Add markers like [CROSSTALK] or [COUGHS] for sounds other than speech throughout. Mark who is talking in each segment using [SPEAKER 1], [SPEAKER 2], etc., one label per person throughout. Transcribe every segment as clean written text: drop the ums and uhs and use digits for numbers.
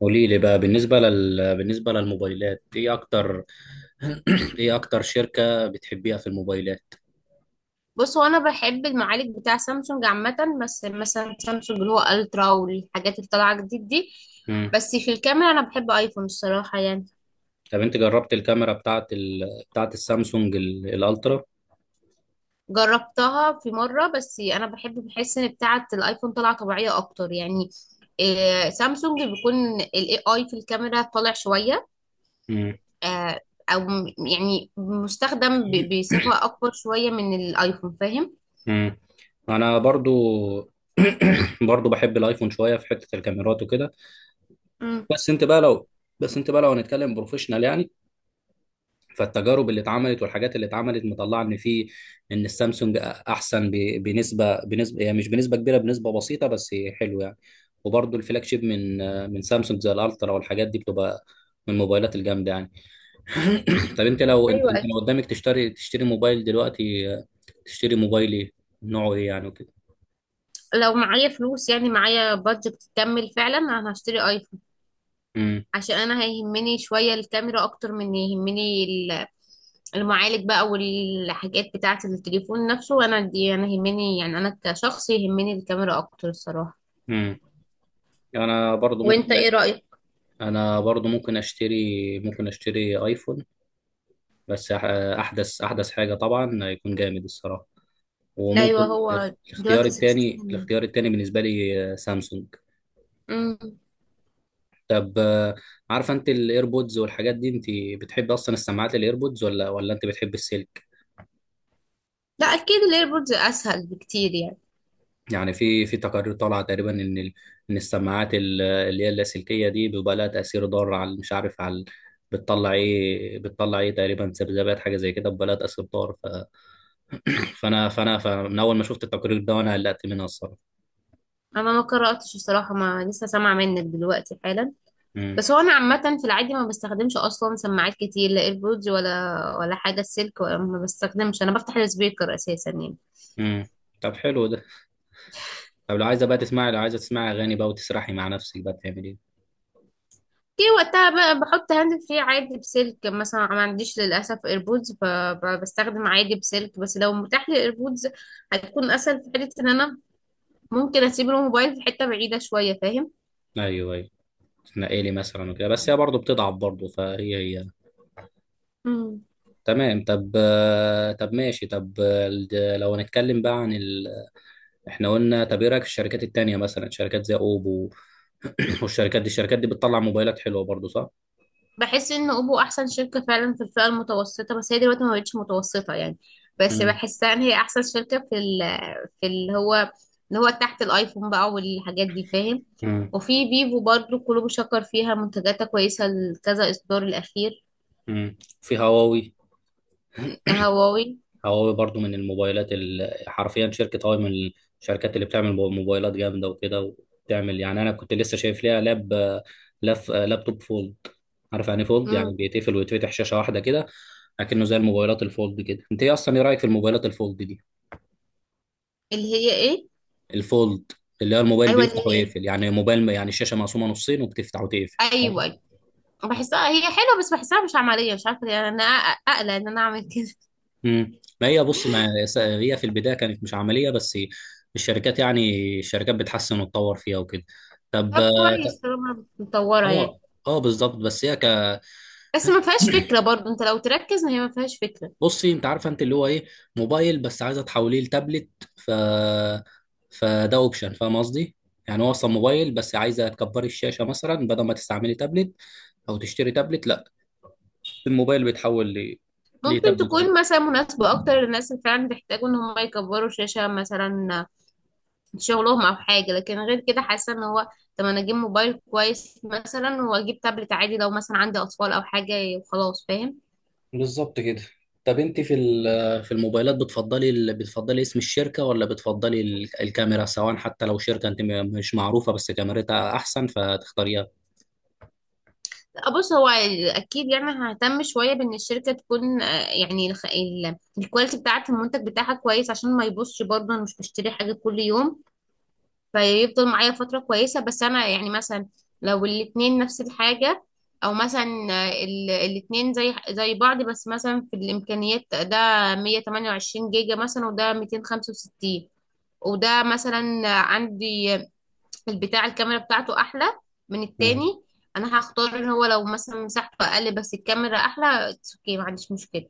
[SPEAKER 1] قولي لي بقى بالنسبة للموبايلات ايه اكتر [CLEARS THROAT] ايه اكتر شركة بتحبيها في الموبايلات؟
[SPEAKER 2] بص، هو انا بحب المعالج بتاع سامسونج عامه. بس مثلا سامسونج اللي هو الترا والحاجات اللي طالعه جديد دي.
[SPEAKER 1] مم.
[SPEAKER 2] بس في الكاميرا انا بحب ايفون الصراحه يعني.
[SPEAKER 1] طب انت جربت الكاميرا بتاعت السامسونج الالترا؟
[SPEAKER 2] جربتها في مره، بس انا بحب بحس ان بتاعه الايفون طالعه طبيعيه اكتر يعني. سامسونج بيكون الاي اي في الكاميرا طالع شويه.
[SPEAKER 1] مم.
[SPEAKER 2] آه، او يعني مستخدم بصفه اكبر شويه من الايفون، فاهم؟
[SPEAKER 1] مم. انا برضو [CLEARS THROAT] برضو بحب الايفون شوية في حتة الكاميرات وكده.
[SPEAKER 2] امم.
[SPEAKER 1] بس انت بقى لو بس انت بقى لو هنتكلم بروفيشنال يعني، فالتجارب اللي اتعملت والحاجات اللي اتعملت مطلعه ان في، ان السامسونج احسن بنسبه، يعني مش بنسبه كبيره، بنسبه بسيطه بس حلو يعني. وبرضه الفلاج شيب من سامسونج زي الالترا والحاجات دي بتبقى من الموبايلات الجامده يعني. [COUGHS] [CLEARS THROAT] طب انت لو انت
[SPEAKER 2] ايوه.
[SPEAKER 1] انت لو قدامك تشتري موبايل دلوقتي، تشتري موبايل ايه؟ نوعه ايه يعني وكده؟
[SPEAKER 2] لو معايا فلوس، يعني معايا بادجت تكمل فعلا، انا هشتري.
[SPEAKER 1] امم.
[SPEAKER 2] عشان انا هيهمني شوية الكاميرا اكتر من يهمني المعالج بقى والحاجات بتاعة التليفون نفسه، وانا دي انا يهمني، يعني انا كشخص يهمني الكاميرا اكتر الصراحة.
[SPEAKER 1] امم. انا برضو ممكن
[SPEAKER 2] وانت ايه رأيك؟
[SPEAKER 1] انا برضو ممكن اشتري ايفون. بس احدث حاجه طبعا هيكون جامد الصراحه. وممكن
[SPEAKER 2] ايوه،
[SPEAKER 1] الاخ-
[SPEAKER 2] هو
[SPEAKER 1] الاختيار
[SPEAKER 2] دلوقتي
[SPEAKER 1] التاني
[SPEAKER 2] 16.
[SPEAKER 1] الاختيار التاني بالنسبة لي، سامسونج.
[SPEAKER 2] امم.
[SPEAKER 1] طب، عارفة انت الايربودز والحاجات دي، انت بتحب اصلا السماعات الايربودز ولا انت بتحب السلك؟
[SPEAKER 2] لا اكيد الايربودز اسهل بكتير يعني.
[SPEAKER 1] يعني في تقارير طالعة تقريبا ان ان السماعات اللي هي اللاسلكية دي بيبقى لها تأثير ضار، على مش عارف على، بتطلع ايه تقريبا ذبذبات حاجة زي كده، بيبقى لها تأثير ضار. ف... فانا فانا فمن اول ما شفت التقرير ده وانا قلقت منها الصراحة.
[SPEAKER 2] انا ما قرأتش الصراحة، ما لسه سامعة منك دلوقتي حالا.
[SPEAKER 1] امم.
[SPEAKER 2] بس هو انا عامة في العادي ما بستخدمش اصلا سماعات كتير، لا ايربودز ولا ولا حاجة السلك، ولا ما بستخدمش، انا بفتح السبيكر اساسا يعني.
[SPEAKER 1] امم. طب حلو ده. طب لو عايزه تسمعي اغاني بقى وتسرحي مع نفسك بقى بتعملي ايه؟
[SPEAKER 2] كي وقتها بقى بحط هاند فري عادي بسلك مثلا، ما عنديش للاسف ايربودز، فبستخدم عادي بسلك. بس لو متاح لي ايربودز هتكون اسهل في حته ان انا ممكن اسيب الموبايل في حته بعيده شويه، فاهم؟
[SPEAKER 1] ايوه، ايوه، تنقلي لي مثلا وكده، بس هي برضه بتضعف برضه فهي هي.
[SPEAKER 2] امم.
[SPEAKER 1] تمام. طب، طب ماشي. طب، لو هنتكلم بقى عن ال... احنا قلنا، طب ايه رايك في الشركات التانية مثلا، شركات زي اوبو؟ [COUGHS] [CLEARS THROAT] والشركات دي بتطلع موبايلات حلوه برضه صح؟
[SPEAKER 2] بحس ان اوبو احسن شركه فعلا في الفئه المتوسطه، بس هي دلوقتي ما بقتش متوسطه يعني. بس
[SPEAKER 1] امم.
[SPEAKER 2] بحسها ان هي احسن شركه في اللي هو تحت الايفون بقى والحاجات دي، فاهم؟
[SPEAKER 1] امم.
[SPEAKER 2] وفي فيفو برضو كله بيشكر فيها، منتجاتها كويسه لكذا اصدار الاخير.
[SPEAKER 1] امم. في هواوي
[SPEAKER 2] هواوي.
[SPEAKER 1] هواوي برضو من الموبايلات حرفيا شركة هواوي من الشركات اللي بتعمل موبايلات جامدة وكده، وبتعمل يعني. أنا كنت لسه شايف ليها لاب، لابتوب فولد. عارف يعني فولد، يعني
[SPEAKER 2] امم.
[SPEAKER 1] بيتقفل ويتفتح شاشة واحدة كده، لكنه زي الموبايلات الفولد كده. أنت إيه أصلا، إيه رأيك في الموبايلات الفولد دي؟
[SPEAKER 2] اللي هي ايه؟
[SPEAKER 1] الفولد، اللي هو الموبايل
[SPEAKER 2] ايوه اللي
[SPEAKER 1] بيفتح
[SPEAKER 2] هي ايه.
[SPEAKER 1] ويقفل، يعني موبايل يعني الشاشة مقسومة نصين وبتفتح وتقفل،
[SPEAKER 2] ايوه
[SPEAKER 1] فاهم؟
[SPEAKER 2] ايوه. بحسها هي حلوه، بس بحسها مش عمليه، مش عارفه ليه يعني، انا اقلق ان انا اعمل كده.
[SPEAKER 1] امم، ما هي بص، ما س- هي في البداية كانت مش عملية، بس الشركات يعني الشركات بتحسن وتطور فيها وكده.
[SPEAKER 2] [LAUGHS]
[SPEAKER 1] طب.
[SPEAKER 2] طب كويس طالما مطوره يعني.
[SPEAKER 1] اه. اه بالظبط. بس هي ك
[SPEAKER 2] بس ما فيهاش فكره برضو، انت لو تركز هي ما فيهاش فكره.
[SPEAKER 1] بصي انت عارفه انت اللي هو ايه، موبايل بس عايزه تحوليه لتابلت. ف فده اوبشن فاهم قصدي. يعني هو اصلا موبايل بس عايزه تكبري الشاشه مثلا بدل ما تستعملي تابلت، او تشتري تابلت. لا، الموبايل بيتحول ل
[SPEAKER 2] ممكن
[SPEAKER 1] لتابلت
[SPEAKER 2] تكون مثلا مناسبه اكتر للناس اللي فعلا بيحتاجوا ان هم يكبروا شاشه مثلا في شغلهم او حاجه، لكن غير كده حاسه ان هو، طب انا اجيب موبايل كويس مثلا واجيب تابلت عادي لو مثلا عندي اطفال او حاجه وخلاص، فاهم؟
[SPEAKER 1] بالظبط كده. طب انت في الموبايلات بتفضلي ال... بتفضلي اسم الشركه ولا بتفضلي الكاميرا، سواء حتى لو شركه انت مش معروفه بس كاميرتها احسن فتختاريها؟
[SPEAKER 2] بص، هو اكيد يعني ههتم شويه بان الشركه تكون، يعني الكواليتي بتاعه المنتج بتاعها كويس عشان ما يبصش برضه، انا مش بشتري حاجه كل يوم، فيفضل معايا فتره كويسه. بس انا يعني مثلا لو الاتنين نفس الحاجه، او مثلا الاتنين زي زي بعض، بس مثلا في الامكانيات ده 128 جيجا مثلا وده 265، وده مثلا عندي البتاع الكاميرا بتاعته احلى من
[SPEAKER 1] امم.
[SPEAKER 2] التاني، انا هختار ان هو لو مثلا مساحته اقل بس الكاميرا احلى، اتس اوكي ما عنديش مشكله.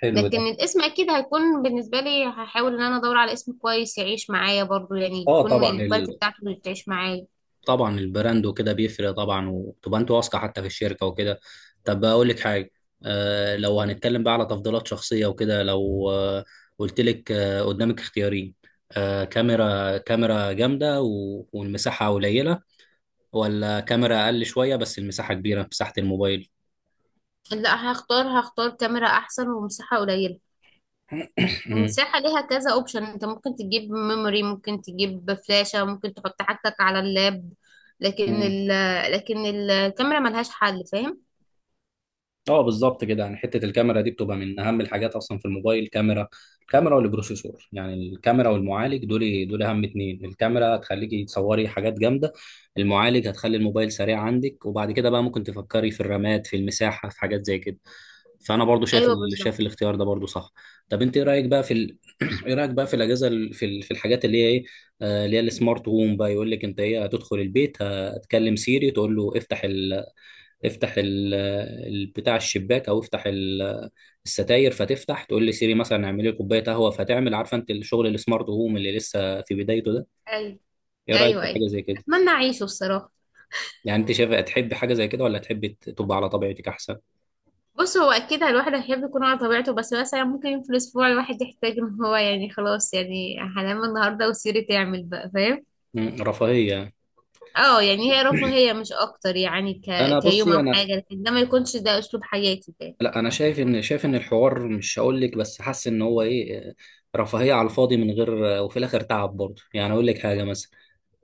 [SPEAKER 1] حلو
[SPEAKER 2] لكن
[SPEAKER 1] ده.
[SPEAKER 2] الاسم اكيد هيكون بالنسبه لي، هحاول ان انا ادور على اسم كويس يعيش معايا برضو، يعني
[SPEAKER 1] اه
[SPEAKER 2] يكون
[SPEAKER 1] طبعا،
[SPEAKER 2] الكواليتي بتاعته اللي تعيش معايا.
[SPEAKER 1] طبعا البراند وكده بيفرق طبعا، وتبقى انت واثقه حتى في الشركه وكده. طب اقول لك حاجه، آه، لو هنتكلم بقى على تفضيلات شخصيه وكده، لو قلت لك، قدامك اختيارين، كاميرا، كاميرا جامده والمساحه قليله، ولا كاميرا اقل شويه بس المساحه كبيره، مساحه الموبايل؟
[SPEAKER 2] لا، هختار كاميرا احسن ومساحه قليله. المساحه ليها كذا اوبشن، انت ممكن تجيب ميموري، ممكن تجيب فلاشة، ممكن تحط حاجتك على اللاب، لكن ال
[SPEAKER 1] [COUGHS]
[SPEAKER 2] لكن الكاميرا ملهاش حل، فاهم؟
[SPEAKER 1] اه، بالظبط كده. يعني حته الكاميرا دي بتبقى من اهم الحاجات اصلا في الموبايل، كاميرا. الكاميرا والبروسيسور، يعني الكاميرا والمعالج، دول دول اهم اتنين. الكاميرا هتخليكي تصوري حاجات جامده، المعالج هتخلي الموبايل سريع عندك، وبعد كده بقى ممكن تفكري في الرامات، في المساحه، في حاجات زي كده. فانا برضو شايف
[SPEAKER 2] ايوه بالظبط.
[SPEAKER 1] شايف الاختيار ده برضو صح. طب انت ايه رايك بقى في ال... [CLEARS THROAT] ايه رايك بقى في الاجهزه في الحاجات اللي هي ايه، اللي هي السمارت هوم بقى، يقول لك انت ايه، هتدخل البيت هتكلم سيري تقول له افتح ال... بتاع الشباك، او افتح الستاير فتفتح. تقول لي سيري مثلا اعملي لي كوبايه قهوه فتعمل. عارفه انت الشغل السمارت هوم اللي لسه في بدايته ده،
[SPEAKER 2] أيوة.
[SPEAKER 1] ايه رايك
[SPEAKER 2] ايوه
[SPEAKER 1] في
[SPEAKER 2] ايوه.
[SPEAKER 1] حاجه زي كده؟
[SPEAKER 2] اتمنى اعيشه الصراحه.
[SPEAKER 1] يعني انت شايف تحب حاجه زي كده، ولا تحب تبقى على طبيعتك احسن؟
[SPEAKER 2] بص، هو اكيد الواحد هيحب يكون على طبيعته، بس مثلا ممكن في الاسبوع الواحد يحتاج ان هو، يعني خلاص يعني هنام النهارده وسيري تعمل بقى، فاهم؟
[SPEAKER 1] مم، رفاهيه.
[SPEAKER 2] اه، يعني هي رفاهيه مش اكتر يعني،
[SPEAKER 1] انا
[SPEAKER 2] كيوم
[SPEAKER 1] بصي
[SPEAKER 2] او
[SPEAKER 1] انا،
[SPEAKER 2] حاجه، لكن ده ما يكونش ده اسلوب حياتي ده.
[SPEAKER 1] لا انا شايف ان الحوار، مش هقول لك بس حاسس ان هو ايه، رفاهيه على الفاضي من غير، وفي الاخر تعب برضه. يعني اقول لك حاجه مثلا،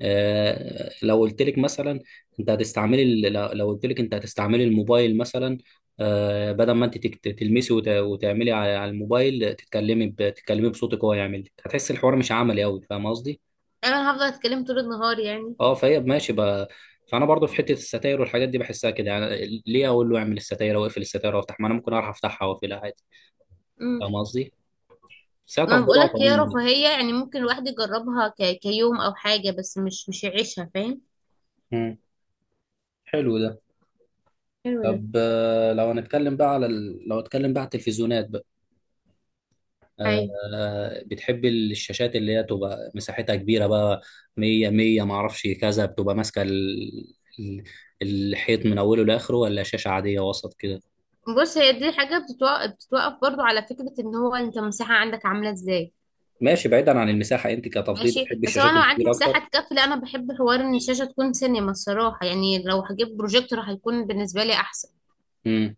[SPEAKER 1] لو قلت لك مثلا انت هتستعملي ال- لو لو قلت لك انت هتستعملي الموبايل مثلا، بدل ما انت تلمسي وتعملي على على الموبايل، تتكلمي تتكلمي بصوتك هو يعمل لك، هتحس الحوار مش عملي قوي، فاهم قصدي؟
[SPEAKER 2] انا هفضل اتكلم طول النهار يعني.
[SPEAKER 1] اه، فهي ماشي بقى. فانا برضو في حته الستاير والحاجات دي بحسها كده، يعني ليه اقول له اعمل الستاير او اقفل الستاير وافتح، ما انا ممكن اعرف افتحها واقفلها عادي.
[SPEAKER 2] امم.
[SPEAKER 1] فاهم قصدي. بس هي
[SPEAKER 2] ما أنا
[SPEAKER 1] تفضيلات
[SPEAKER 2] بقولك
[SPEAKER 1] عموما
[SPEAKER 2] هي
[SPEAKER 1] يعني.
[SPEAKER 2] رفاهيه يعني، ممكن الواحد يجربها كيوم او حاجه، بس مش يعيشها، فاهم؟
[SPEAKER 1] مم. حلو ده.
[SPEAKER 2] حلو ده.
[SPEAKER 1] طب، لو هنتكلم بقى على ال... لو هنتكلم بقى على التلفزيونات بقى،
[SPEAKER 2] ايوه.
[SPEAKER 1] بتحب الشاشات اللي هي تبقى مساحتها كبيرة بقى، مية مية معرفش كذا، بتبقى ماسكة الحيط من أوله لآخره، ولا شاشة عادية وسط كده؟
[SPEAKER 2] بص، هي دي حاجه بتتوقف برضو على فكره ان هو انت المساحه عندك عامله ازاي.
[SPEAKER 1] ماشي، بعيدا عن المساحة أنت كتفضيل
[SPEAKER 2] ماشي.
[SPEAKER 1] بتحب
[SPEAKER 2] بس هو
[SPEAKER 1] الشاشات
[SPEAKER 2] انا لو عندي
[SPEAKER 1] الكبيرة أكتر؟
[SPEAKER 2] مساحه تكفي، لا انا بحب حوار ان الشاشه تكون سينما الصراحه يعني، لو هجيب بروجيكتور هيكون بالنسبه لي احسن.
[SPEAKER 1] امم.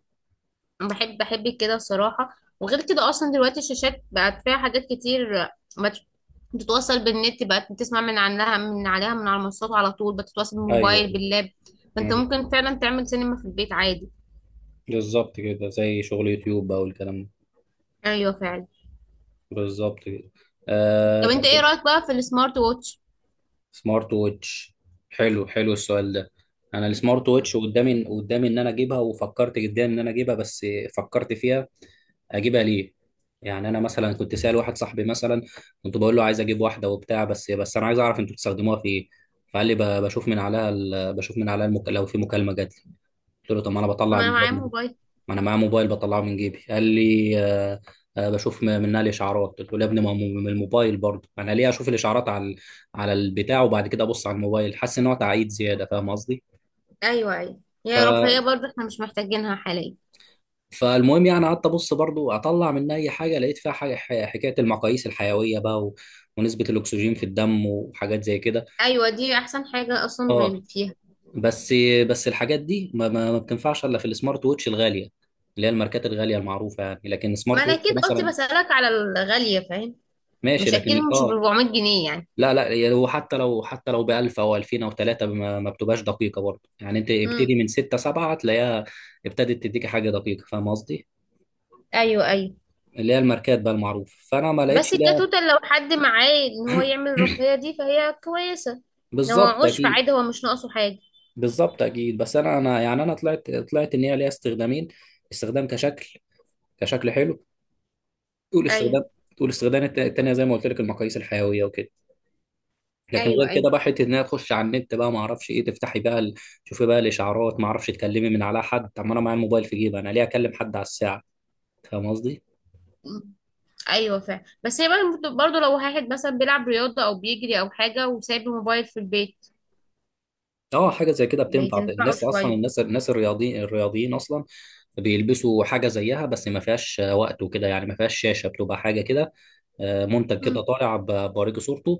[SPEAKER 2] انا بحب بحب كده الصراحه. وغير كده اصلا دلوقتي الشاشات بقت فيها حاجات كتير، بت- بتتوصل بالنت، بقت بتسمع من عنها من عليها من على المنصات على طول، بتتواصل
[SPEAKER 1] أيوه.
[SPEAKER 2] بالموبايل باللاب، فانت
[SPEAKER 1] امم.
[SPEAKER 2] ممكن فعلا تعمل سينما في البيت عادي.
[SPEAKER 1] بالظبط كده، زي شغل يوتيوب بقى والكلام ده.
[SPEAKER 2] ايوه فعلا.
[SPEAKER 1] بالظبط كده. آه،
[SPEAKER 2] طب انت
[SPEAKER 1] طب،
[SPEAKER 2] ايه رايك بقى في السمارت ووتش؟
[SPEAKER 1] سمارت ووتش. حلو، حلو السؤال ده. انا السمارت ووتش قدامي ان انا اجيبها، وفكرت جدا ان انا اجيبها، بس فكرت فيها اجيبها ليه؟ يعني انا مثلا كنت سأل واحد صاحبي مثلا، كنت بقول له عايز اجيب واحده وبتاع، بس انا عايز اعرف انتوا بتستخدموها في ايه. فقال لي بشوف من عليها لو في مكالمه جات لي. قلت له طب ما انا
[SPEAKER 2] ما
[SPEAKER 1] بطلع
[SPEAKER 2] انا معايا
[SPEAKER 1] الموبايل،
[SPEAKER 2] موبايل.
[SPEAKER 1] ما انا معايا موبايل بطلعه من جيبي. قال لي آه، آه بشوف منها الاشعارات. قلت له يا ابني ما هو من الموبايل برضه، انا ليه اشوف الاشعارات على على البتاع وبعد كده ابص على الموبايل؟ حاسس ان هو تعقيد زياده فاهم قصدي.
[SPEAKER 2] ايوه ايوه.
[SPEAKER 1] ف
[SPEAKER 2] هي رفاهيه برضه، احنا مش محتاجينها حاليا.
[SPEAKER 1] فالمهم يعني قعدت ابص برضه اطلع منها اي حاجه، لقيت فيها حاجه، حكايه المقاييس الحيويه بقى و... ونسبه الاكسجين في الدم وحاجات زي كده.
[SPEAKER 2] ايوه دي احسن حاجه اصلا
[SPEAKER 1] اه.
[SPEAKER 2] فيها.
[SPEAKER 1] بس بس الحاجات دي ما بتنفعش الا في السمارت ووتش الغاليه، اللي هي الماركات الغاليه المعروفه يعني، لكن
[SPEAKER 2] ما
[SPEAKER 1] سمارت
[SPEAKER 2] انا
[SPEAKER 1] ووتش
[SPEAKER 2] اكيد قصدي
[SPEAKER 1] مثلا.
[SPEAKER 2] بسالك على الغاليه، فاهم؟
[SPEAKER 1] ماشي
[SPEAKER 2] مش اكيد
[SPEAKER 1] لكن
[SPEAKER 2] مش ب
[SPEAKER 1] اه.
[SPEAKER 2] 400 جنيه يعني.
[SPEAKER 1] لا لا، يعني هو حتى لو ب 1000 او 2000 او 3 ما بتبقاش دقيقه برضه يعني. انت ابتدي
[SPEAKER 2] امم.
[SPEAKER 1] من 6 7 هتلاقيها ابتدت تديك حاجه دقيقه فاهم قصدي.
[SPEAKER 2] ايوه ايوه.
[SPEAKER 1] اللي هي الماركات بقى المعروف، فانا ما
[SPEAKER 2] بس
[SPEAKER 1] لقيتش ده.
[SPEAKER 2] كتوتال، لو حد معاه ان هو يعمل
[SPEAKER 1] [CLEARS THROAT]
[SPEAKER 2] الرقيه دي فهي كويسه. لو
[SPEAKER 1] بالظبط
[SPEAKER 2] معهوش
[SPEAKER 1] اكيد.
[SPEAKER 2] فعادي، هو مش ناقصه حاجه.
[SPEAKER 1] بالظبط اكيد. بس انا، طلعت ان هي ليها استخدامين: استخدام كشكل، كشكل حلو تقول
[SPEAKER 2] ايوه
[SPEAKER 1] استخدام. التانية زي ما قلت لك، المقاييس الحيويه وكده. لكن
[SPEAKER 2] ايوه
[SPEAKER 1] غير كده
[SPEAKER 2] ايوه.
[SPEAKER 1] بقى حته انها تخش على النت بقى، ما اعرفش ايه تفتحي بقى تشوفي بقى الاشعارات، ما اعرفش تكلمي من على حد. طب ما انا معايا الموبايل في جيبي، انا ليه اكلم حد على الساعه؟ فاهم قصدي.
[SPEAKER 2] أمم. ايوه فعلا، بس هي برضه لو واحد مثلا بيلعب رياضه او بيجري او حاجه وسايب الموبايل في البيت
[SPEAKER 1] اه، حاجه زي كده بتنفع
[SPEAKER 2] بتنفعه
[SPEAKER 1] الناس اصلا،
[SPEAKER 2] شويه.
[SPEAKER 1] الناس الرياضيين اصلا بيلبسوا حاجه زيها، بس ما فيهاش وقت وكده يعني، ما فيهاش شاشه بتبقى حاجه كده، منتج كده طالع بوريكي صورته.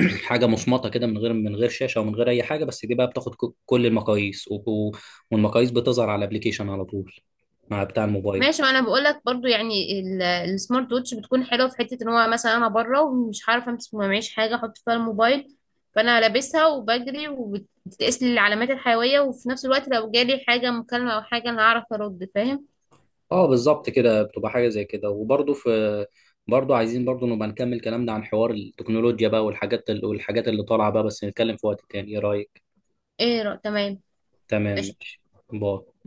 [SPEAKER 1] [CLEARS THROAT] حاجه مصمطه كده من غير من غير شاشه ومن غير اي حاجه، بس دي بقى بتاخد كل المقاييس والمقاييس بتظهر على الابليكيشن على طول مع بتاع الموبايل.
[SPEAKER 2] ماشي. ما انا بقول لك برضو يعني السمارت ووتش بتكون حلوه في حته ان هو مثلا انا بره ومش عارفه امسك، ما معيش حاجه احط فيها الموبايل، فانا لابسها وبجري وبتقيس لي العلامات الحيويه، وفي نفس الوقت لو جالي حاجه مكالمه او حاجه انا هعرف ارد، فاهم؟
[SPEAKER 1] اه بالظبط كده، بتبقى حاجه زي كده. وبرضه في برضه عايزين برضه نبقى نكمل كلامنا عن حوار التكنولوجيا بقى والحاجات ال... والحاجات اللي طالعه بقى، بس نتكلم في وقت تاني، ايه رايك؟
[SPEAKER 2] تمام.
[SPEAKER 1] تمام
[SPEAKER 2] قشطه.
[SPEAKER 1] ماشي. باي.